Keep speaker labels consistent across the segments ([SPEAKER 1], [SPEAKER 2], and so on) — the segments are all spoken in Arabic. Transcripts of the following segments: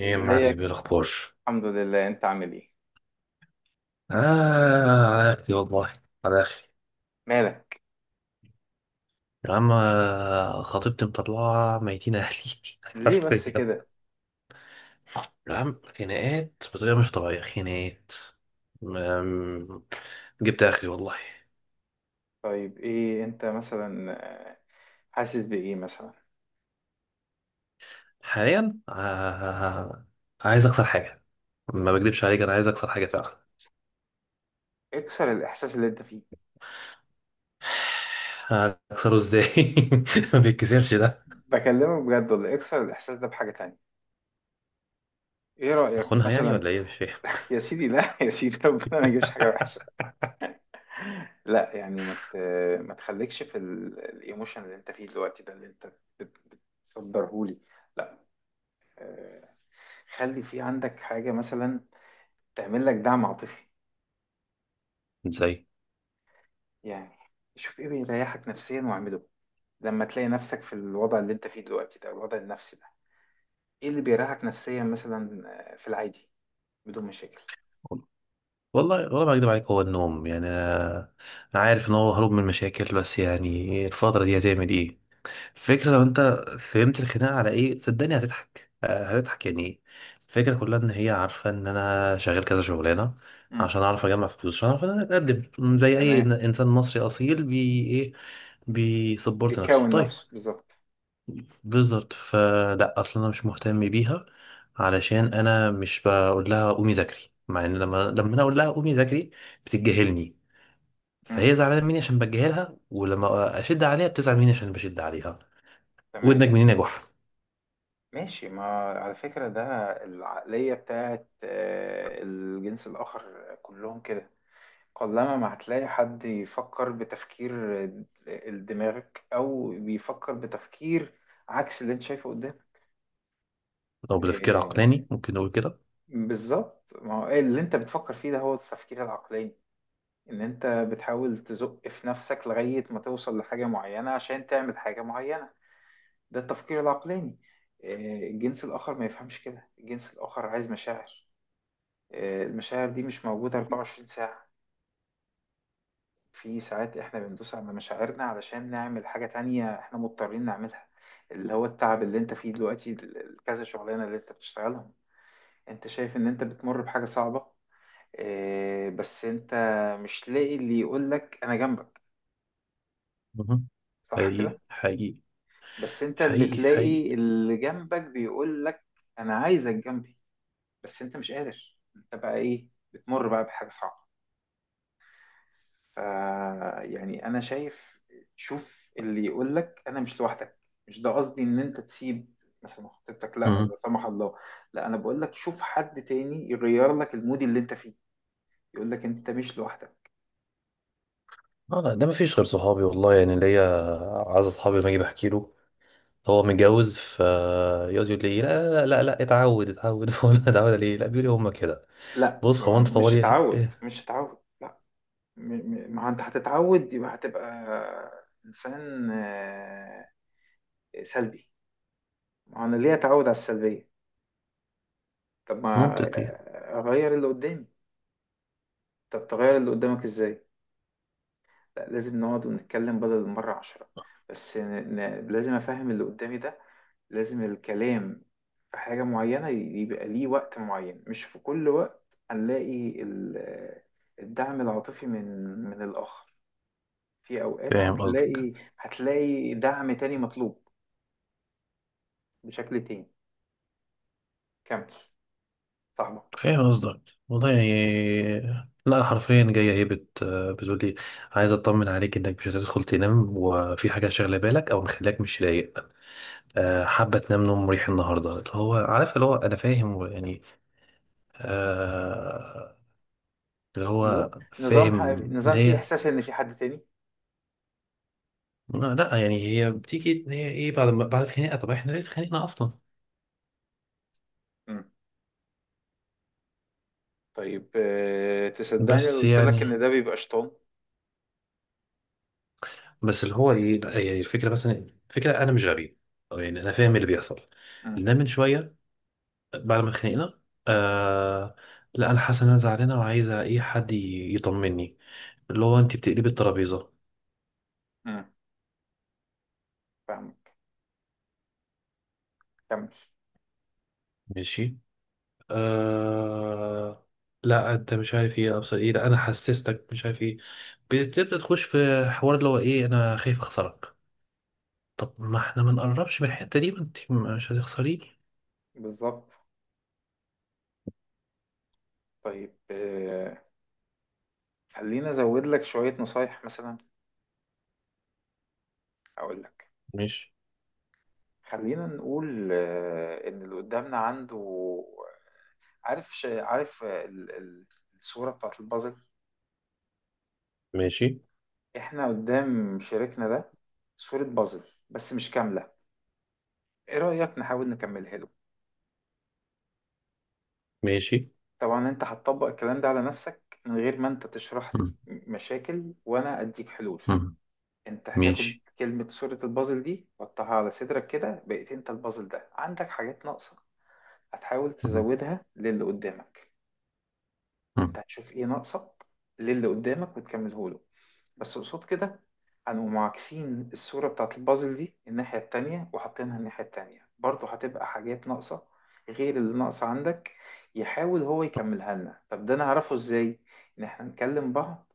[SPEAKER 1] ايه يا
[SPEAKER 2] ازيك؟
[SPEAKER 1] معلم، ايه الاخبار؟
[SPEAKER 2] الحمد لله، انت عامل ايه؟
[SPEAKER 1] اه. على اخري والله، على اخري.
[SPEAKER 2] مالك؟
[SPEAKER 1] يا عم، خطيبتي مطلعه ميتين اهلي.
[SPEAKER 2] ليه بس
[SPEAKER 1] حرفيا.
[SPEAKER 2] كده؟
[SPEAKER 1] يا عم، خناقات بطريقه مش طبيعيه، خناقات. أم، جبت اخري والله.
[SPEAKER 2] طيب، ايه انت مثلا، آه، حاسس بايه مثلا؟
[SPEAKER 1] حاليا. عايز اكسر حاجه. ما بكدبش عليك، انا عايز اكسر حاجه فعلا.
[SPEAKER 2] اكسر الاحساس اللي انت فيه.
[SPEAKER 1] اكسره ازاي؟ ما بيتكسرش ده.
[SPEAKER 2] بكلمك بجد ولا اكسر الاحساس ده بحاجة تانية؟ ايه رأيك
[SPEAKER 1] اخونها يعني
[SPEAKER 2] مثلا؟
[SPEAKER 1] ولا ايه؟ مش فاهم.
[SPEAKER 2] يا سيدي، لا يا سيدي، ربنا ما يجيبش حاجة وحشة. لا يعني، ما تخليكش في الايموشن اللي انت فيه دلوقتي ده اللي انت بت- بتصدرهولي. لا، آه، خلي في عندك حاجة مثلا تعمل لك دعم عاطفي.
[SPEAKER 1] ازاي؟
[SPEAKER 2] يعني، شوف ايه بيريحك نفسيا واعمله. لما تلاقي نفسك في الوضع اللي انت فيه دلوقتي ده، الوضع النفسي ده، ايه اللي بيريحك نفسيا مثلا؟ في العادي، بدون مشاكل.
[SPEAKER 1] والله والله ما اكدب عليك، هو النوم يعني. أنا عارف ان هو هروب من المشاكل، بس يعني الفتره دي هتعمل ايه؟ الفكره، لو انت فهمت الخناقه على ايه صدقني هتضحك. هتضحك يعني ايه؟ الفكره كلها ان هي عارفه ان انا شغال كذا شغلانه،
[SPEAKER 2] مم.
[SPEAKER 1] عشان اعرف اجمع فلوس، عشان اعرف ان انا اتقدم زي اي
[SPEAKER 2] تمام.
[SPEAKER 1] انسان مصري اصيل بي ايه، بيسبورت نفسه.
[SPEAKER 2] بيكون
[SPEAKER 1] طيب،
[SPEAKER 2] نفسه بالظبط.
[SPEAKER 1] بالظبط. فلا اصلا انا مش مهتم بيها، علشان انا مش بقول لها قومي ذاكري. مع ان لما انا اقول لها قومي ذاكري بتتجاهلني.
[SPEAKER 2] مم.
[SPEAKER 1] فهي زعلانه مني عشان بتجاهلها، ولما اشد عليها بتزعل مني عشان بشد عليها.
[SPEAKER 2] تمام.
[SPEAKER 1] ودنك منين يا جحا؟
[SPEAKER 2] ماشي. ما على فكرة ده، العقلية بتاعت الجنس الآخر كلهم كده. قلما ما هتلاقي حد يفكر بتفكير دماغك، أو بيفكر بتفكير عكس اللي أنت شايفه
[SPEAKER 1] لو بتفكير
[SPEAKER 2] قدامك.
[SPEAKER 1] عقلاني ممكن نقول كده.
[SPEAKER 2] بالظبط، ما هو اللي انت بتفكر فيه ده هو التفكير العقلاني، ان انت بتحاول تزق في نفسك لغاية ما توصل لحاجة معينة عشان تعمل حاجة معينة. ده التفكير العقلاني. الجنس الآخر ما يفهمش كده، الجنس الآخر عايز مشاعر. المشاعر دي مش موجودة 24 ساعة. في ساعات احنا بندوس على مشاعرنا علشان نعمل حاجة تانية احنا مضطرين نعملها، اللي هو التعب اللي انت فيه دلوقتي، كذا شغلانة اللي انت بتشتغلهم. انت شايف ان انت بتمر بحاجة صعبة، بس انت مش لاقي اللي يقولك انا جنبك.
[SPEAKER 1] مهم.
[SPEAKER 2] صح
[SPEAKER 1] حقيقي
[SPEAKER 2] كده؟
[SPEAKER 1] حقيقي.
[SPEAKER 2] بس انت اللي
[SPEAKER 1] حقيقي حقيقي.
[SPEAKER 2] بتلاقي اللي جنبك بيقولك انا عايزك جنبي، بس انت مش قادر، انت بقى ايه بتمر بقى بحاجة صعبة. ف يعني انا شايف، شوف اللي يقولك انا مش لوحدك. مش ده قصدي ان انت تسيب مثلا خطيبتك، لا لا
[SPEAKER 1] مهم.
[SPEAKER 2] سمح الله. لا، انا بقولك شوف حد تاني يغير لك المود اللي انت فيه، يقولك انت مش لوحدك.
[SPEAKER 1] اه، لا ده مفيش غير صحابي والله يعني ليا. عايز اصحابي، لما اجي بحكي له هو متجوز فيقعد يقول لي لا لا لا لا، اتعود اتعود فاقول له اتعود عليه؟ لا، بيقول لي هما كده.
[SPEAKER 2] لا،
[SPEAKER 1] بص هو انت
[SPEAKER 2] مش
[SPEAKER 1] طوالي
[SPEAKER 2] هتعود
[SPEAKER 1] ايه؟
[SPEAKER 2] مش هتعود. ما هو انت هتتعود يبقى هتبقى انسان سلبي. ما هو انا ليه اتعود على السلبيه؟ طب ما
[SPEAKER 1] منطقي.
[SPEAKER 2] اغير اللي قدامي. طب تغير اللي قدامك ازاي؟ لا، لازم نقعد ونتكلم بدل المره 10. بس لازم افهم اللي قدامي ده، لازم الكلام في حاجه معينه يبقى ليه وقت معين، مش في كل وقت. هنلاقي الدعم العاطفي من الاخر. في اوقات
[SPEAKER 1] فاهم قصدك.
[SPEAKER 2] هتلاقي، دعم تاني مطلوب بشكل تاني. كمل صاحبك.
[SPEAKER 1] فاهم قصدك. والله يعني. لا حرفيا جايه هي بتقول لي عايز اطمن عليك انك مش هتدخل تنام وفي حاجه شاغله بالك او مخليك مش رايق. حابه تنام نوم مريح النهارده، اللي هو عارف، اللي هو انا فاهم يعني. آه، اللي
[SPEAKER 2] نظام،
[SPEAKER 1] هو
[SPEAKER 2] نظام ح...
[SPEAKER 1] فاهم ان
[SPEAKER 2] نظام فيه
[SPEAKER 1] هي.
[SPEAKER 2] إحساس إن في حد تاني.
[SPEAKER 1] لا لا، يعني هي بتيجي إن هي ايه؟ بعد ما بعد الخناقه طب احنا ليه اتخانقنا اصلا؟
[SPEAKER 2] مم. طيب، تصدقني لو
[SPEAKER 1] بس
[SPEAKER 2] قلت لك إن
[SPEAKER 1] يعني،
[SPEAKER 2] ده بيبقى شيطان.
[SPEAKER 1] بس اللي هو ايه، لا، يعني الفكره مثلا. الفكره انا مش غبي، أو يعني انا فاهم اللي بيحصل.
[SPEAKER 2] مم.
[SPEAKER 1] لان من شويه بعد ما اتخانقنا، آه لا انا حاسه ان انا زعلانه وعايزه ايه حد يطمني. اللي هو انت بتقلبي الترابيزه.
[SPEAKER 2] مم. فاهمك، كمل.
[SPEAKER 1] ماشي. آه لا انت مش عارف ايه ابصر ايه، لا انا حسستك مش عارف ايه. بتبدا تخش في حوار اللي هو ايه انا خايف اخسرك. طب ما احنا ما نقربش من الحتة دي، ما انت مش هتخسريني.
[SPEAKER 2] بالظبط. طيب، خلينا أزود لك شوية نصايح مثلا، أقول لك.
[SPEAKER 1] ماشي.
[SPEAKER 2] خلينا نقول إن اللي قدامنا عنده، عارف الصورة بتاعت البازل.
[SPEAKER 1] ماشي.
[SPEAKER 2] إحنا قدام شريكنا ده صورة بازل، بس مش كاملة. إيه رأيك نحاول نكملها له؟
[SPEAKER 1] ماشي.
[SPEAKER 2] طبعا انت هتطبق الكلام ده على نفسك، من غير ما انت تشرح لي
[SPEAKER 1] مم.
[SPEAKER 2] مشاكل وانا اديك حلول.
[SPEAKER 1] مم.
[SPEAKER 2] انت هتاخد
[SPEAKER 1] ماشي.
[SPEAKER 2] كلمة صورة البازل دي وتحطها على صدرك كده، بقيت انت البازل ده عندك حاجات ناقصة، هتحاول
[SPEAKER 1] مم.
[SPEAKER 2] تزودها للي قدامك. انت
[SPEAKER 1] مم.
[SPEAKER 2] هتشوف ايه ناقصك للي قدامك وتكمله له. بس قصاد كده، هنقوم معاكسين الصورة بتاعت البازل دي الناحية التانية، وحاطينها الناحية التانية برضه، هتبقى حاجات ناقصة غير اللي ناقصة عندك، يحاول هو يكملها لنا. طب ده نعرفه ازاي؟ ان احنا نكلم بعض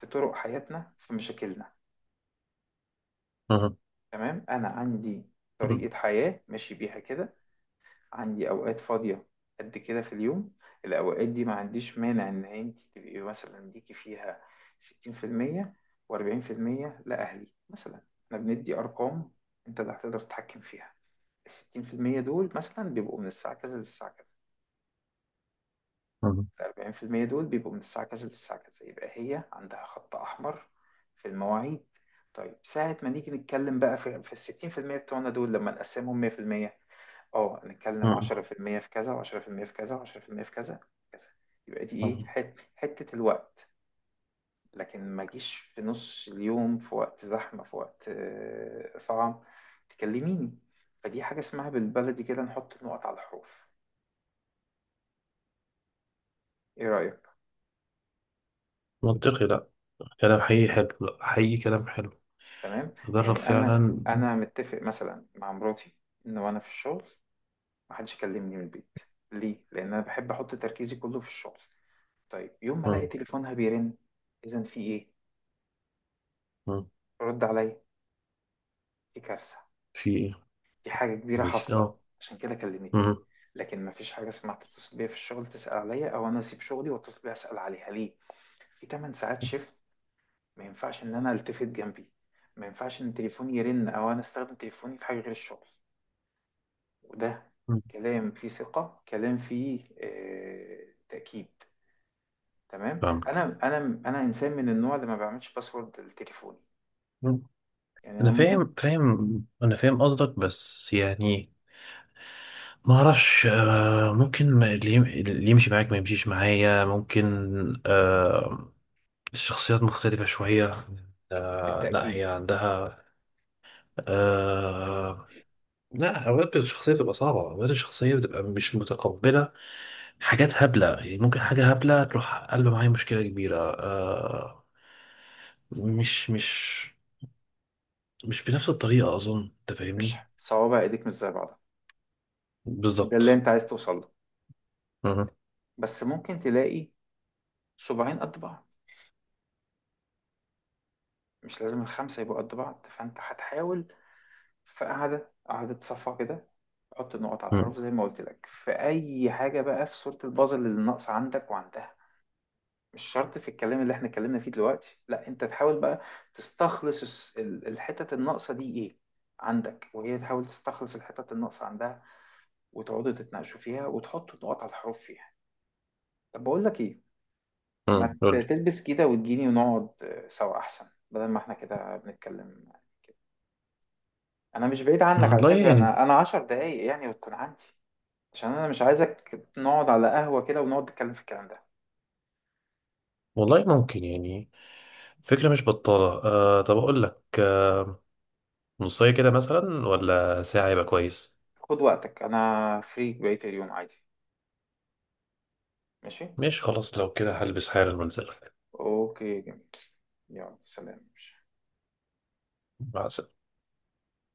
[SPEAKER 2] في طرق حياتنا، في مشاكلنا.
[SPEAKER 1] مم.
[SPEAKER 2] تمام. انا عندي
[SPEAKER 1] مم.
[SPEAKER 2] طريقة حياة ماشي بيها كده، عندي أوقات فاضية قد كده في اليوم. الأوقات دي ما عنديش مانع إن أنت تبقي مثلا ليكي فيها 60%، و40% لأهلي مثلا، إحنا بندي أرقام. أنت اللي هتقدر تتحكم فيها. الـ60% دول مثلا بيبقوا من الساعة كذا للساعة كذا،
[SPEAKER 1] مم.
[SPEAKER 2] الـ40% دول بيبقوا من الساعة كذا للساعة كذا، يبقى هي عندها خط أحمر في المواعيد. طيب، ساعة ما نيجي نتكلم بقى في الـ60% بتوعنا دول، لما نقسمهم 100%، اه نتكلم
[SPEAKER 1] مم.
[SPEAKER 2] 10% في المية في كذا، و10% في كذا، و10% في كذا كذا، يبقى دي ايه،
[SPEAKER 1] مم.
[SPEAKER 2] حتة الوقت. لكن ما جيش في نص اليوم، في وقت زحمة، في وقت صعب تكلميني. فدي حاجة اسمها بالبلدي كده نحط النقط على الحروف. ايه رأيك؟
[SPEAKER 1] منطقي، لا. كلام حقيقي حلو، لا حقيقي كلام حلو.
[SPEAKER 2] تمام.
[SPEAKER 1] تدرب
[SPEAKER 2] يعني انا
[SPEAKER 1] فعلا.
[SPEAKER 2] انا متفق مثلا مع مراتي ان وانا في الشغل محدش يكلمني من البيت. ليه؟ لان انا بحب احط تركيزي كله في الشغل. طيب، يوم ما الاقي
[SPEAKER 1] مم.
[SPEAKER 2] تليفونها بيرن، اذا في ايه؟
[SPEAKER 1] مم.
[SPEAKER 2] رد عليا، في كارثة،
[SPEAKER 1] في ايه؟
[SPEAKER 2] في حاجة كبيرة
[SPEAKER 1] ماشي،
[SPEAKER 2] حاصلة،
[SPEAKER 1] اه.
[SPEAKER 2] عشان كده كلمتني.
[SPEAKER 1] مم.
[SPEAKER 2] لكن مفيش حاجة اسمها تتصل بيا في الشغل تسأل عليا أو أنا أسيب شغلي وأتصل بيا أسأل عليها ليه؟ في 8 ساعات شيفت، ما ينفعش إن أنا ألتفت جنبي، ما ينفعش إن تليفوني يرن أو أنا أستخدم تليفوني في حاجة غير الشغل. وده
[SPEAKER 1] مم.
[SPEAKER 2] كلام فيه ثقة، كلام فيه تأكيد. تمام.
[SPEAKER 1] فاهمك.
[SPEAKER 2] أنا إنسان من النوع اللي ما بعملش باسورد لتليفوني،
[SPEAKER 1] مم.
[SPEAKER 2] يعني أنا
[SPEAKER 1] انا
[SPEAKER 2] ممكن.
[SPEAKER 1] فاهم فاهم انا فاهم قصدك، بس يعني ما اعرفش. ممكن اللي يمشي معاك ما يمشيش معايا، ممكن. آه الشخصيات مختلفة شوية. لا
[SPEAKER 2] بالتأكيد.
[SPEAKER 1] هي عندها. آه لا أوقات الشخصية بتبقى صعبة، أوقات الشخصية بتبقى مش متقبلة. حاجات هبلة يعني، ممكن حاجة هبلة تروح قلب معايا مشكلة كبيرة. مش مش بنفس الطريقة، أظن أنت
[SPEAKER 2] مش
[SPEAKER 1] فاهمني.
[SPEAKER 2] صوابع إيديك مش زي بعضها. ده اللي
[SPEAKER 1] بالظبط.
[SPEAKER 2] أنت عايز توصل له،
[SPEAKER 1] مهم.
[SPEAKER 2] بس ممكن تلاقي صباعين قد بعض، مش لازم الخمسة يبقوا قد بعض، فأنت هتحاول في قعدة قعدة صفا كده حط النقط على
[SPEAKER 1] مم.
[SPEAKER 2] الحروف زي ما قلت لك في أي حاجة بقى في صورة البازل اللي ناقصة عندك وعندها. مش شرط في الكلام اللي احنا اتكلمنا فيه دلوقتي، لا انت تحاول بقى تستخلص الحتت الناقصة دي ايه عندك، وهي تحاول تستخلص الحتت الناقصة عندها، وتقعدوا تتناقشوا فيها وتحطوا النقط على الحروف فيها. طب بقول لك ايه،
[SPEAKER 1] مم.
[SPEAKER 2] ما
[SPEAKER 1] قول لي.
[SPEAKER 2] تلبس كده وتجيني ونقعد سوا احسن بدل ما احنا كده بنتكلم. انا مش بعيد عنك على
[SPEAKER 1] والله
[SPEAKER 2] فكره،
[SPEAKER 1] يعني.
[SPEAKER 2] انا 10 دقايق يعني وتكون عندي. عشان انا مش عايزك نقعد على قهوه كده ونقعد نتكلم في الكلام ده.
[SPEAKER 1] والله ممكن يعني. فكرة مش بطالة. طب أقول لك. نصاية كده مثلا، ولا ساعة يبقى كويس؟
[SPEAKER 2] خد وقتك، انا فري بقيه اليوم عادي. ماشي.
[SPEAKER 1] ماشي، خلاص لو كده هلبس حالا وانزلك.
[SPEAKER 2] اوكي جميل، يلا سلام.
[SPEAKER 1] مع السلامة.